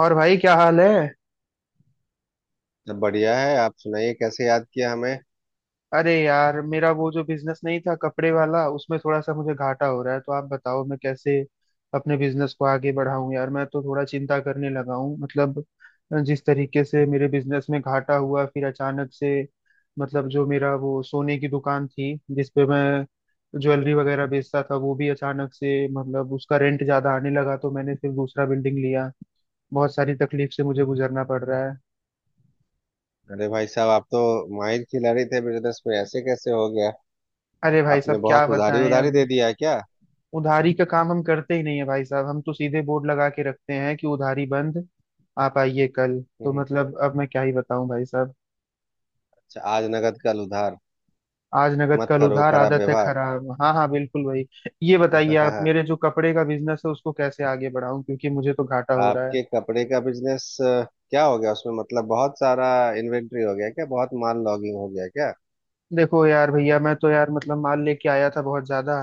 और भाई क्या हाल है। सब बढ़िया है। आप सुनाइए कैसे याद किया हमें। अरे यार, मेरा वो जो बिजनेस नहीं था कपड़े वाला, उसमें थोड़ा सा मुझे घाटा हो रहा है। तो आप बताओ मैं कैसे अपने बिजनेस को आगे बढ़ाऊं। यार मैं तो थोड़ा चिंता करने लगा हूँ। मतलब जिस तरीके से मेरे बिजनेस में घाटा हुआ, फिर अचानक से मतलब जो मेरा वो सोने की दुकान थी जिसपे मैं ज्वेलरी वगैरह बेचता था, वो भी अचानक से, मतलब उसका रेंट ज्यादा आने लगा तो मैंने फिर दूसरा बिल्डिंग लिया। बहुत सारी तकलीफ से मुझे गुजरना पड़ रहा है। अरे भाई साहब, आप तो माहिर खिलाड़ी थे बिजनेस में, ऐसे कैसे हो गया? अरे भाई आपने साहब क्या बहुत उधारी बताएं उधारी दे अब। दिया है क्या? उधारी का काम हम करते ही नहीं है भाई साहब, हम तो सीधे बोर्ड लगा के रखते हैं कि उधारी बंद। आप आइए कल, तो हम्म। मतलब अब मैं क्या ही बताऊं भाई साहब। अच्छा, आज नगद कल उधार आज नगद मत कल करो उधार, खराब आदत है व्यवहार। खराब। हाँ हाँ, बिल्कुल भाई। ये बताइए आप, मेरे जो कपड़े का बिजनेस है उसको कैसे आगे बढ़ाऊं, क्योंकि मुझे तो घाटा हो रहा है। आपके कपड़े का बिजनेस क्या हो गया? उसमें मतलब बहुत सारा इन्वेंट्री हो गया क्या? बहुत माल लॉगिंग हो गया क्या? देखो यार भैया, मैं तो यार मतलब माल लेके आया था बहुत ज्यादा,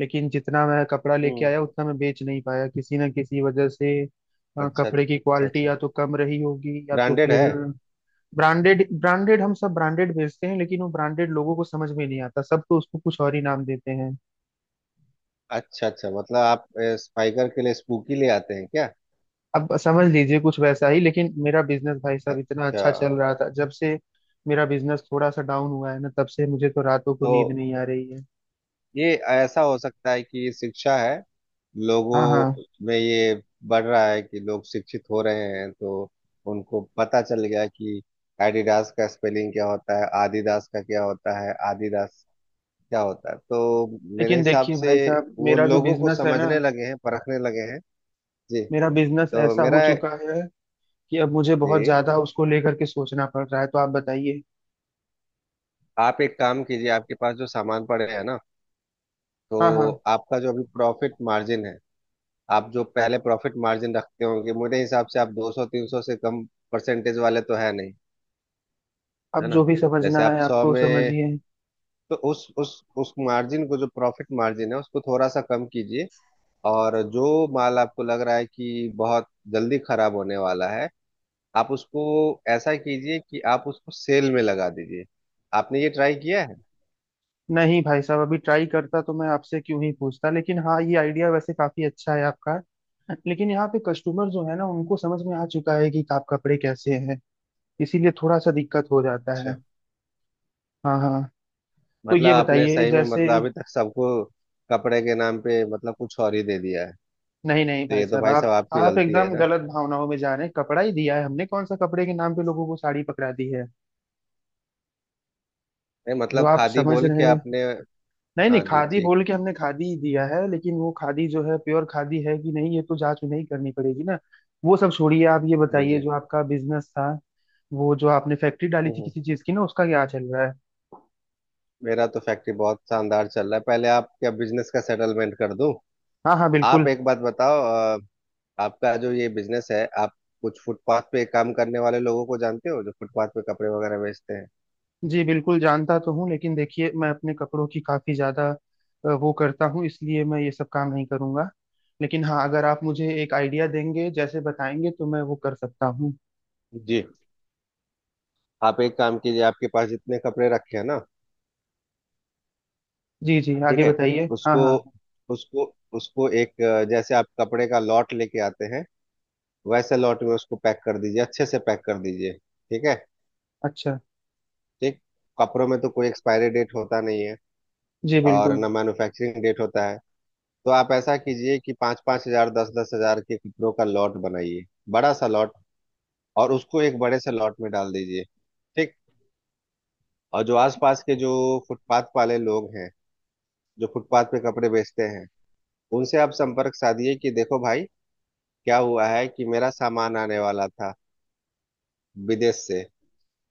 लेकिन जितना मैं कपड़ा लेके हम्म। आया उतना मैं बेच नहीं पाया, किसी ना किसी वजह से। अच्छा कपड़े की अच्छा क्वालिटी अच्छा। या तो कम रही होगी, या तो ब्रांडेड फिर है? ब्रांडेड, ब्रांडेड हम सब ब्रांडेड बेचते हैं, लेकिन वो ब्रांडेड लोगों को समझ में नहीं आता, सब तो उसको कुछ और ही नाम देते हैं। अच्छा अच्छा, मतलब आप स्पाइकर के लिए स्पूकी ले आते हैं क्या? अब समझ लीजिए कुछ वैसा ही। लेकिन मेरा बिजनेस भाई साहब इतना अच्छा। अच्छा चल रहा था। जब से मेरा बिजनेस थोड़ा सा डाउन हुआ है ना, तब से मुझे तो रातों को नींद तो नहीं आ रही है। ये ऐसा हो सकता है कि ये शिक्षा है लोगों हाँ हाँ। में, ये बढ़ रहा है कि लोग शिक्षित हो रहे हैं, तो उनको पता चल गया कि एडिडास का स्पेलिंग क्या होता है, आदिदास का क्या होता है, आदिदास क्या होता है, तो मेरे लेकिन हिसाब देखिए से भाई साहब, वो मेरा जो लोगों को बिजनेस है ना, समझने लगे हैं, परखने लगे हैं। जी। मेरा बिजनेस तो ऐसा हो मेरा। चुका है कि अब मुझे बहुत जी। ज्यादा उसको लेकर के सोचना पड़ रहा है। तो आप बताइए। आप एक काम कीजिए, आपके पास जो सामान पड़े हैं ना, तो हाँ हाँ। आपका जो अभी प्रॉफिट मार्जिन है, आप जो पहले प्रॉफिट मार्जिन रखते होंगे, मेरे हिसाब से आप 200 300 से कम परसेंटेज वाले तो है नहीं। अब है ना? जो भी समझना जैसे आप है 100 आपको में, समझिए। तो उस मार्जिन को, जो प्रॉफिट मार्जिन है, उसको थोड़ा सा कम कीजिए। और जो माल आपको लग रहा है कि बहुत जल्दी खराब होने वाला है, आप उसको ऐसा कीजिए कि आप उसको सेल में लगा दीजिए। आपने ये ट्राई किया है? नहीं भाई साहब, अभी ट्राई करता तो मैं आपसे क्यों ही पूछता, लेकिन हाँ ये आइडिया वैसे काफी अच्छा है आपका। लेकिन यहाँ पे कस्टमर जो है ना, उनको समझ में आ चुका है कि आप कपड़े कैसे हैं, इसीलिए थोड़ा सा दिक्कत हो जाता है। अच्छा, हाँ हाँ। तो मतलब ये आपने बताइए सही में, जैसे, मतलब अभी तक सबको कपड़े के नाम पे मतलब कुछ और ही दे दिया है? नहीं नहीं तो भाई ये तो साहब, भाई साहब आप आपकी आप गलती है एकदम ना। गलत भावनाओं में जा रहे हैं। कपड़ा ही दिया है हमने, कौन सा कपड़े के नाम पे लोगों को साड़ी पकड़ा दी है नहीं, जो मतलब आप खादी समझ बोल के रहे हैं। आपने। नहीं नहीं, हाँ जी, खादी ठीक। बोल के हमने खादी ही दिया है, लेकिन वो खादी जो है प्योर खादी है कि नहीं, ये तो जांच नहीं करनी पड़ेगी ना। वो सब छोड़िए, आप ये बताइए भेजे। जो आपका बिजनेस था, वो जो आपने फैक्ट्री डाली थी हम्म किसी चीज की ना, उसका क्या चल रहा है। मेरा तो फैक्ट्री बहुत शानदार चल रहा है, पहले आप क्या बिजनेस का सेटलमेंट कर दूं? हाँ हाँ, आप बिल्कुल। एक बात बताओ, अ, आपका जो ये बिजनेस है, आप कुछ फुटपाथ पे काम करने वाले लोगों को जानते हो, जो फुटपाथ पे कपड़े वगैरह बेचते हैं? जी बिल्कुल जानता तो हूँ, लेकिन देखिए मैं अपने कपड़ों की काफी ज्यादा वो करता हूँ, इसलिए मैं ये सब काम नहीं करूंगा। लेकिन हाँ, अगर आप मुझे एक आइडिया देंगे, जैसे बताएंगे, तो मैं वो कर सकता हूँ। जी। आप एक काम कीजिए, आपके पास जितने कपड़े रखे हैं ना, जी जी ठीक आगे है, बताइए, हाँ उसको हाँ हाँ, उसको उसको एक, जैसे आप कपड़े का लॉट लेके आते हैं, वैसे लॉट में उसको पैक कर दीजिए, अच्छे से पैक कर दीजिए। ठीक है। अच्छा। ठीक। कपड़ों में तो कोई एक्सपायरी डेट होता नहीं है, जी और बिल्कुल। ना मैन्युफैक्चरिंग डेट होता है, तो आप ऐसा कीजिए कि पाँच पाँच हजार, दस दस हजार के कपड़ों का लॉट बनाइए, बड़ा सा लॉट, और उसको एक बड़े से लॉट में डाल दीजिए। ठीक। और जो आसपास के जो फुटपाथ वाले लोग हैं, जो फुटपाथ पे कपड़े बेचते हैं, उनसे आप संपर्क साधिए कि देखो भाई, क्या हुआ है कि मेरा सामान आने वाला था विदेश से।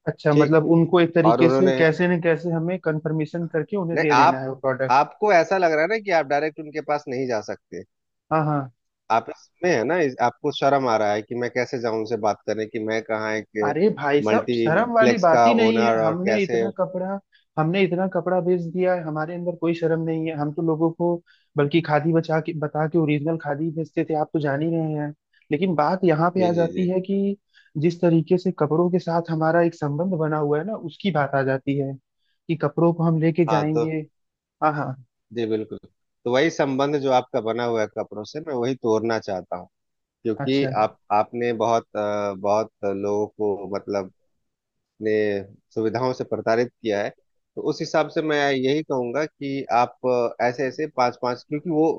अच्छा, ठीक। मतलब उनको एक और तरीके से उन्होंने, कैसे न कैसे हमें कंफर्मेशन करके उन्हें नहीं, दे देना आप, है वो प्रोडक्ट। आपको ऐसा लग रहा है ना कि आप डायरेक्ट उनके पास नहीं जा सकते, हाँ हाँ। आप इसमें है ना, आपको शर्म आ रहा है कि मैं कैसे जाऊं उनसे बात करने, कि मैं कहाँ एक अरे भाई साहब, शर्म वाली मल्टीप्लेक्स बात का ही नहीं है। ओनर, और हमने कैसे। इतना कपड़ा, हमने इतना कपड़ा बेच दिया है, हमारे अंदर कोई शर्म नहीं है। हम तो लोगों को बल्कि खादी बचा के, बता के ओरिजिनल खादी बेचते थे, आप तो जान ही रहे हैं। लेकिन बात यहाँ पे जी आ जी जी। जाती है कि जिस तरीके से कपड़ों के साथ हमारा एक संबंध बना हुआ है ना, उसकी बात आ जाती है कि कपड़ों को हम लेके हाँ तो। जाएंगे। हाँ हाँ। जी बिल्कुल। तो वही संबंध जो आपका बना हुआ है कपड़ों से, मैं वही तोड़ना चाहता हूँ, क्योंकि अच्छा आप आपने बहुत, बहुत लोगों को मतलब अपने सुविधाओं से प्रताड़ित किया है। तो उस हिसाब से मैं यही कहूंगा कि आप, ऐसे ऐसे पांच पांच, क्योंकि वो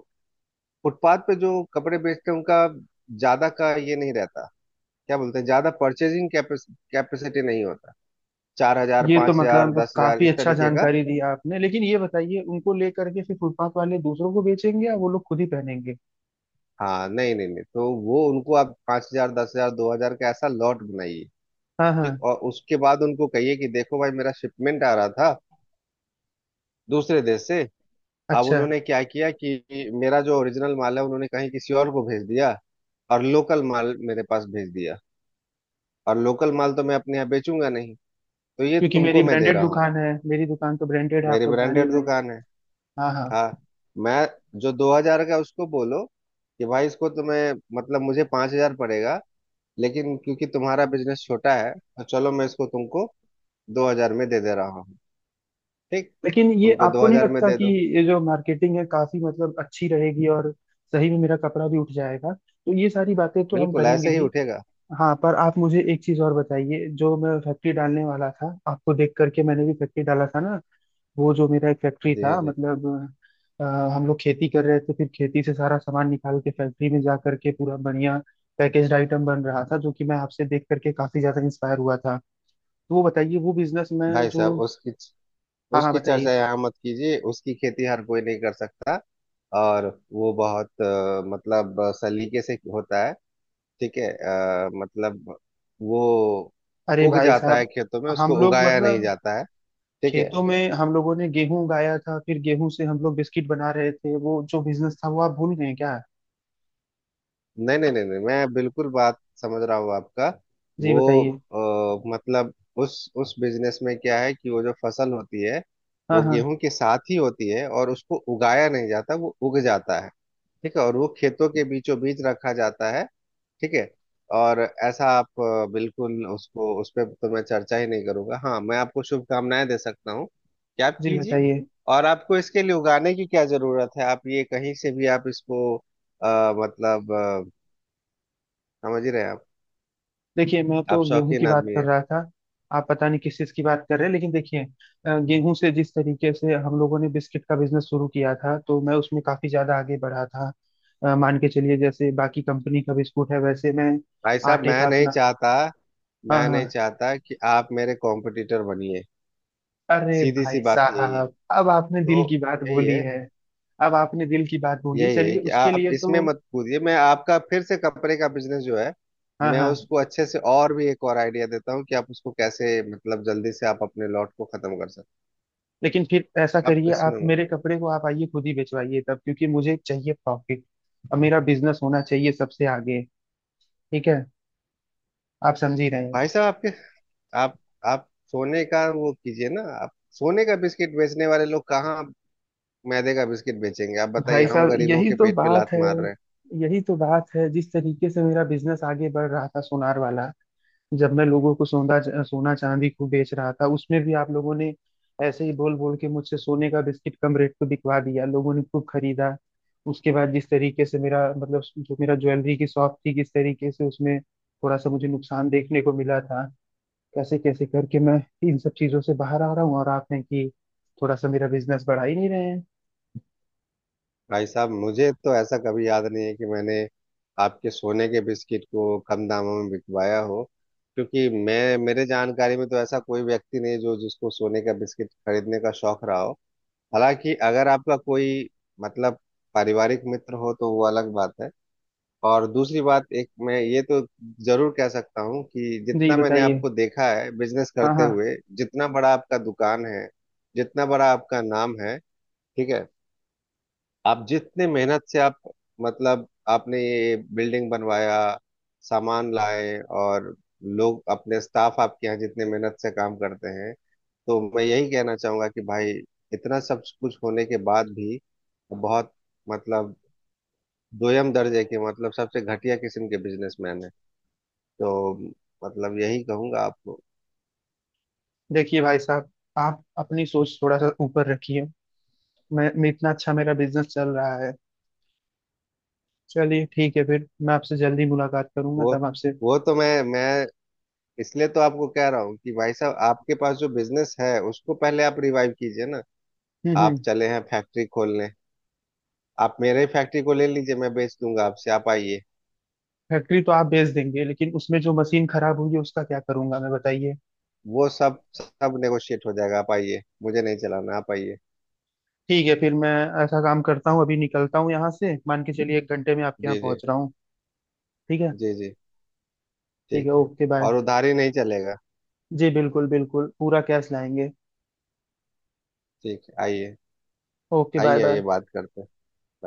फुटपाथ पे जो कपड़े बेचते हैं, उनका ज्यादा का ये नहीं रहता, क्या बोलते हैं, ज्यादा परचेजिंग कैपेसिटी नहीं होता, चार हजार, ये तो पांच हजार, मतलब दस हजार, काफी इस अच्छा तरीके का। जानकारी दी आपने, लेकिन ये बताइए उनको लेकर के फिर फुटपाथ वाले दूसरों को बेचेंगे या वो लोग खुद ही पहनेंगे। हाँ, नहीं नहीं नहीं, तो वो उनको आप पांच हजार, दस हजार, दो हजार का ऐसा लॉट बनाइए। हाँ ठीक, हाँ। और उसके बाद उनको कहिए कि देखो भाई, मेरा शिपमेंट आ रहा था दूसरे देश से, अब अच्छा, उन्होंने क्या किया कि मेरा जो ओरिजिनल माल है उन्होंने कहीं किसी और को भेज दिया, और लोकल माल मेरे पास भेज दिया, और लोकल माल तो मैं अपने यहाँ बेचूंगा नहीं, तो ये क्योंकि मेरी तुमको मैं दे ब्रांडेड रहा हूँ। दुकान है, मेरी दुकान तो ब्रांडेड है, आप मेरी लोग जान ही ब्रांडेड रहे हैं। दुकान है। हाँ हाँ। हाँ। मैं जो दो हजार का, उसको बोलो कि भाई इसको तुम्हें, मतलब मुझे पांच हजार पड़ेगा, लेकिन क्योंकि तुम्हारा बिजनेस छोटा है, तो चलो मैं इसको तुमको दो हजार में दे दे रहा हूँ। ठीक। लेकिन ये उनको दो आपको नहीं हजार में लगता दे कि दो। ये जो मार्केटिंग है काफी मतलब अच्छी रहेगी, और सही में मेरा कपड़ा भी उठ जाएगा, तो ये सारी बातें तो हम बिल्कुल करेंगे ऐसे ही ही। उठेगा। हाँ, पर आप मुझे एक चीज और बताइए। जो मैं फैक्ट्री डालने वाला था, आपको देख करके मैंने भी फैक्ट्री डाला था ना, वो जो मेरा एक हाँ फैक्ट्री जी, हाँ था, जी। मतलब अ, हम लोग खेती कर रहे थे, फिर खेती से सारा सामान निकाल के फैक्ट्री में जा करके पूरा बढ़िया पैकेज्ड आइटम बन रहा था, जो कि मैं आपसे देख करके काफी ज्यादा इंस्पायर हुआ था। तो वो बताइए, वो बिजनेस में भाई साहब, जो, उसकी हाँ हाँ उसकी चर्चा बताइए। यहाँ मत कीजिए, उसकी खेती हर कोई नहीं कर सकता। और वो बहुत, मतलब, सलीके से होता है। ठीक है, मतलब वो अरे उग भाई जाता है साहब, खेतों में, हम उसको लोग उगाया नहीं मतलब जाता है। ठीक है। खेतों में हम लोगों ने गेहूं उगाया था, फिर गेहूं से हम लोग बिस्किट बना रहे थे, वो जो बिजनेस था वो आप भूल गए क्या। नहीं नहीं नहीं नहीं, मैं बिल्कुल बात समझ रहा हूँ आपका। जी वो, बताइए। मतलब उस बिजनेस में क्या है कि वो जो फसल होती है, हाँ वो हाँ। गेहूं के साथ ही होती है, और उसको उगाया नहीं जाता, वो उग जाता है। ठीक है, और वो खेतों के बीचों बीच रखा जाता है। ठीक है। और ऐसा आप, बिल्कुल उसको, उस पर तो मैं चर्चा ही नहीं करूंगा, हाँ मैं आपको शुभकामनाएं दे सकता हूँ कि आप जी कीजिए। बताइए। और आपको इसके लिए उगाने की क्या जरूरत है, आप ये कहीं से भी आप इसको, मतलब समझ ही रहे हैं आप। देखिए मैं आप तो गेहूं की शौकीन बात आदमी कर है। रहा था, आप पता नहीं किस चीज की बात कर रहे हैं। लेकिन देखिए गेहूं से जिस तरीके से हम लोगों ने बिस्किट का बिजनेस शुरू किया था, तो मैं उसमें काफी ज्यादा आगे बढ़ा था। मान के चलिए, जैसे बाकी कंपनी का बिस्कुट है, वैसे मैं भाई साहब, आटे का मैं नहीं अपना, चाहता, हाँ मैं नहीं हाँ। चाहता कि आप मेरे कॉम्पिटिटर बनिए। अरे सीधी सी भाई बात यही है, साहब, अब आपने दिल तो की बात यही बोली है। है। अब आपने दिल की बात बोली, यही है चलिए कि उसके आप लिए इसमें तो, मत कूदिए। मैं आपका फिर से कपड़े का बिजनेस जो है, हाँ मैं हाँ। उसको अच्छे से, और भी एक और आइडिया देता हूँ कि आप उसको कैसे मतलब जल्दी से आप अपने लॉट को खत्म कर सकते। लेकिन फिर ऐसा आप करिए, इसमें आप मत। मेरे कपड़े को आप आइए खुद ही बेचवाइए तब, क्योंकि मुझे चाहिए प्रॉफिट, और मेरा बिजनेस होना चाहिए सबसे आगे। ठीक है, आप समझ ही रहे भाई हैं। साहब आपके, आप आप सोने का वो कीजिए ना, आप सोने का बिस्किट बेचने वाले लोग कहाँ मैदे का बिस्किट बेचेंगे, आप बताइए, भाई हम साहब, गरीबों यही के तो पेट पे बात लात है। मार रहे हैं। यही तो बात है, जिस तरीके से मेरा बिजनेस आगे बढ़ रहा था सोनार वाला, जब मैं लोगों को सोना सोना चांदी को बेच रहा था, उसमें भी आप लोगों ने ऐसे ही बोल बोल के मुझसे सोने का बिस्किट कम रेट पे बिकवा दिया, लोगों ने खूब खरीदा। उसके बाद जिस तरीके से मेरा, मतलब जो मेरा ज्वेलरी की शॉप थी, किस तरीके से उसमें थोड़ा सा मुझे नुकसान देखने को मिला था, कैसे कैसे करके मैं इन सब चीजों से बाहर आ रहा हूँ, और आप हैं कि थोड़ा सा मेरा बिजनेस बढ़ा ही नहीं रहे हैं। भाई साहब, मुझे तो ऐसा कभी याद नहीं है कि मैंने आपके सोने के बिस्किट को कम दामों में बिकवाया हो, क्योंकि मैं, मेरे जानकारी में तो ऐसा कोई व्यक्ति नहीं जो जिसको सोने का बिस्किट खरीदने का शौक रहा हो। हालांकि अगर आपका कोई, मतलब पारिवारिक मित्र हो, तो वो अलग बात है। और दूसरी बात, एक मैं ये तो जरूर कह सकता हूँ कि जी जितना मैंने बताइए। आपको देखा है बिजनेस हाँ करते हाँ। हुए, जितना बड़ा आपका दुकान है, जितना बड़ा आपका नाम है। ठीक है। आप जितने मेहनत से आप, मतलब आपने ये बिल्डिंग बनवाया, सामान लाए, और लोग, अपने स्टाफ आपके यहाँ जितने मेहनत से काम करते हैं, तो मैं यही कहना चाहूंगा कि भाई, इतना सब कुछ होने के बाद भी बहुत, मतलब दोयम दर्जे के, मतलब सबसे घटिया किस्म के बिजनेसमैन है, तो मतलब यही कहूंगा आपको। देखिए भाई साहब, आप अपनी सोच थोड़ा सा ऊपर रखिए। मैं इतना अच्छा मेरा बिजनेस चल रहा है। चलिए ठीक है, फिर मैं आपसे जल्दी मुलाकात करूंगा, वो तब आपसे। वो तो मैं इसलिए तो आपको कह रहा हूँ कि भाई साहब आपके पास जो बिजनेस है, उसको पहले आप रिवाइव कीजिए ना। आप हम्म। चले हैं फैक्ट्री खोलने, आप मेरे ही फैक्ट्री को ले लीजिए, मैं बेच दूंगा आपसे, आप आइए। फैक्ट्री तो आप बेच देंगे, लेकिन उसमें जो मशीन खराब हुई है उसका क्या करूंगा मैं, बताइए। वो सब सब नेगोशिएट हो जाएगा, आप आइए, मुझे नहीं चलाना, आप आइए। ठीक है, फिर मैं ऐसा काम करता हूँ, अभी निकलता हूँ यहाँ से, मान के चलिए 1 घंटे में आपके यहाँ जी जी। पहुंच रहा हूँ। ठीक है। जी जी। ठीक ठीक है, है। Okay bye. और उधारी नहीं चलेगा। जी बिल्कुल बिल्कुल, पूरा कैश लाएंगे। ठीक है, आइए ओके बाय आइए आइए, बाय। बात करते हैं। Bye.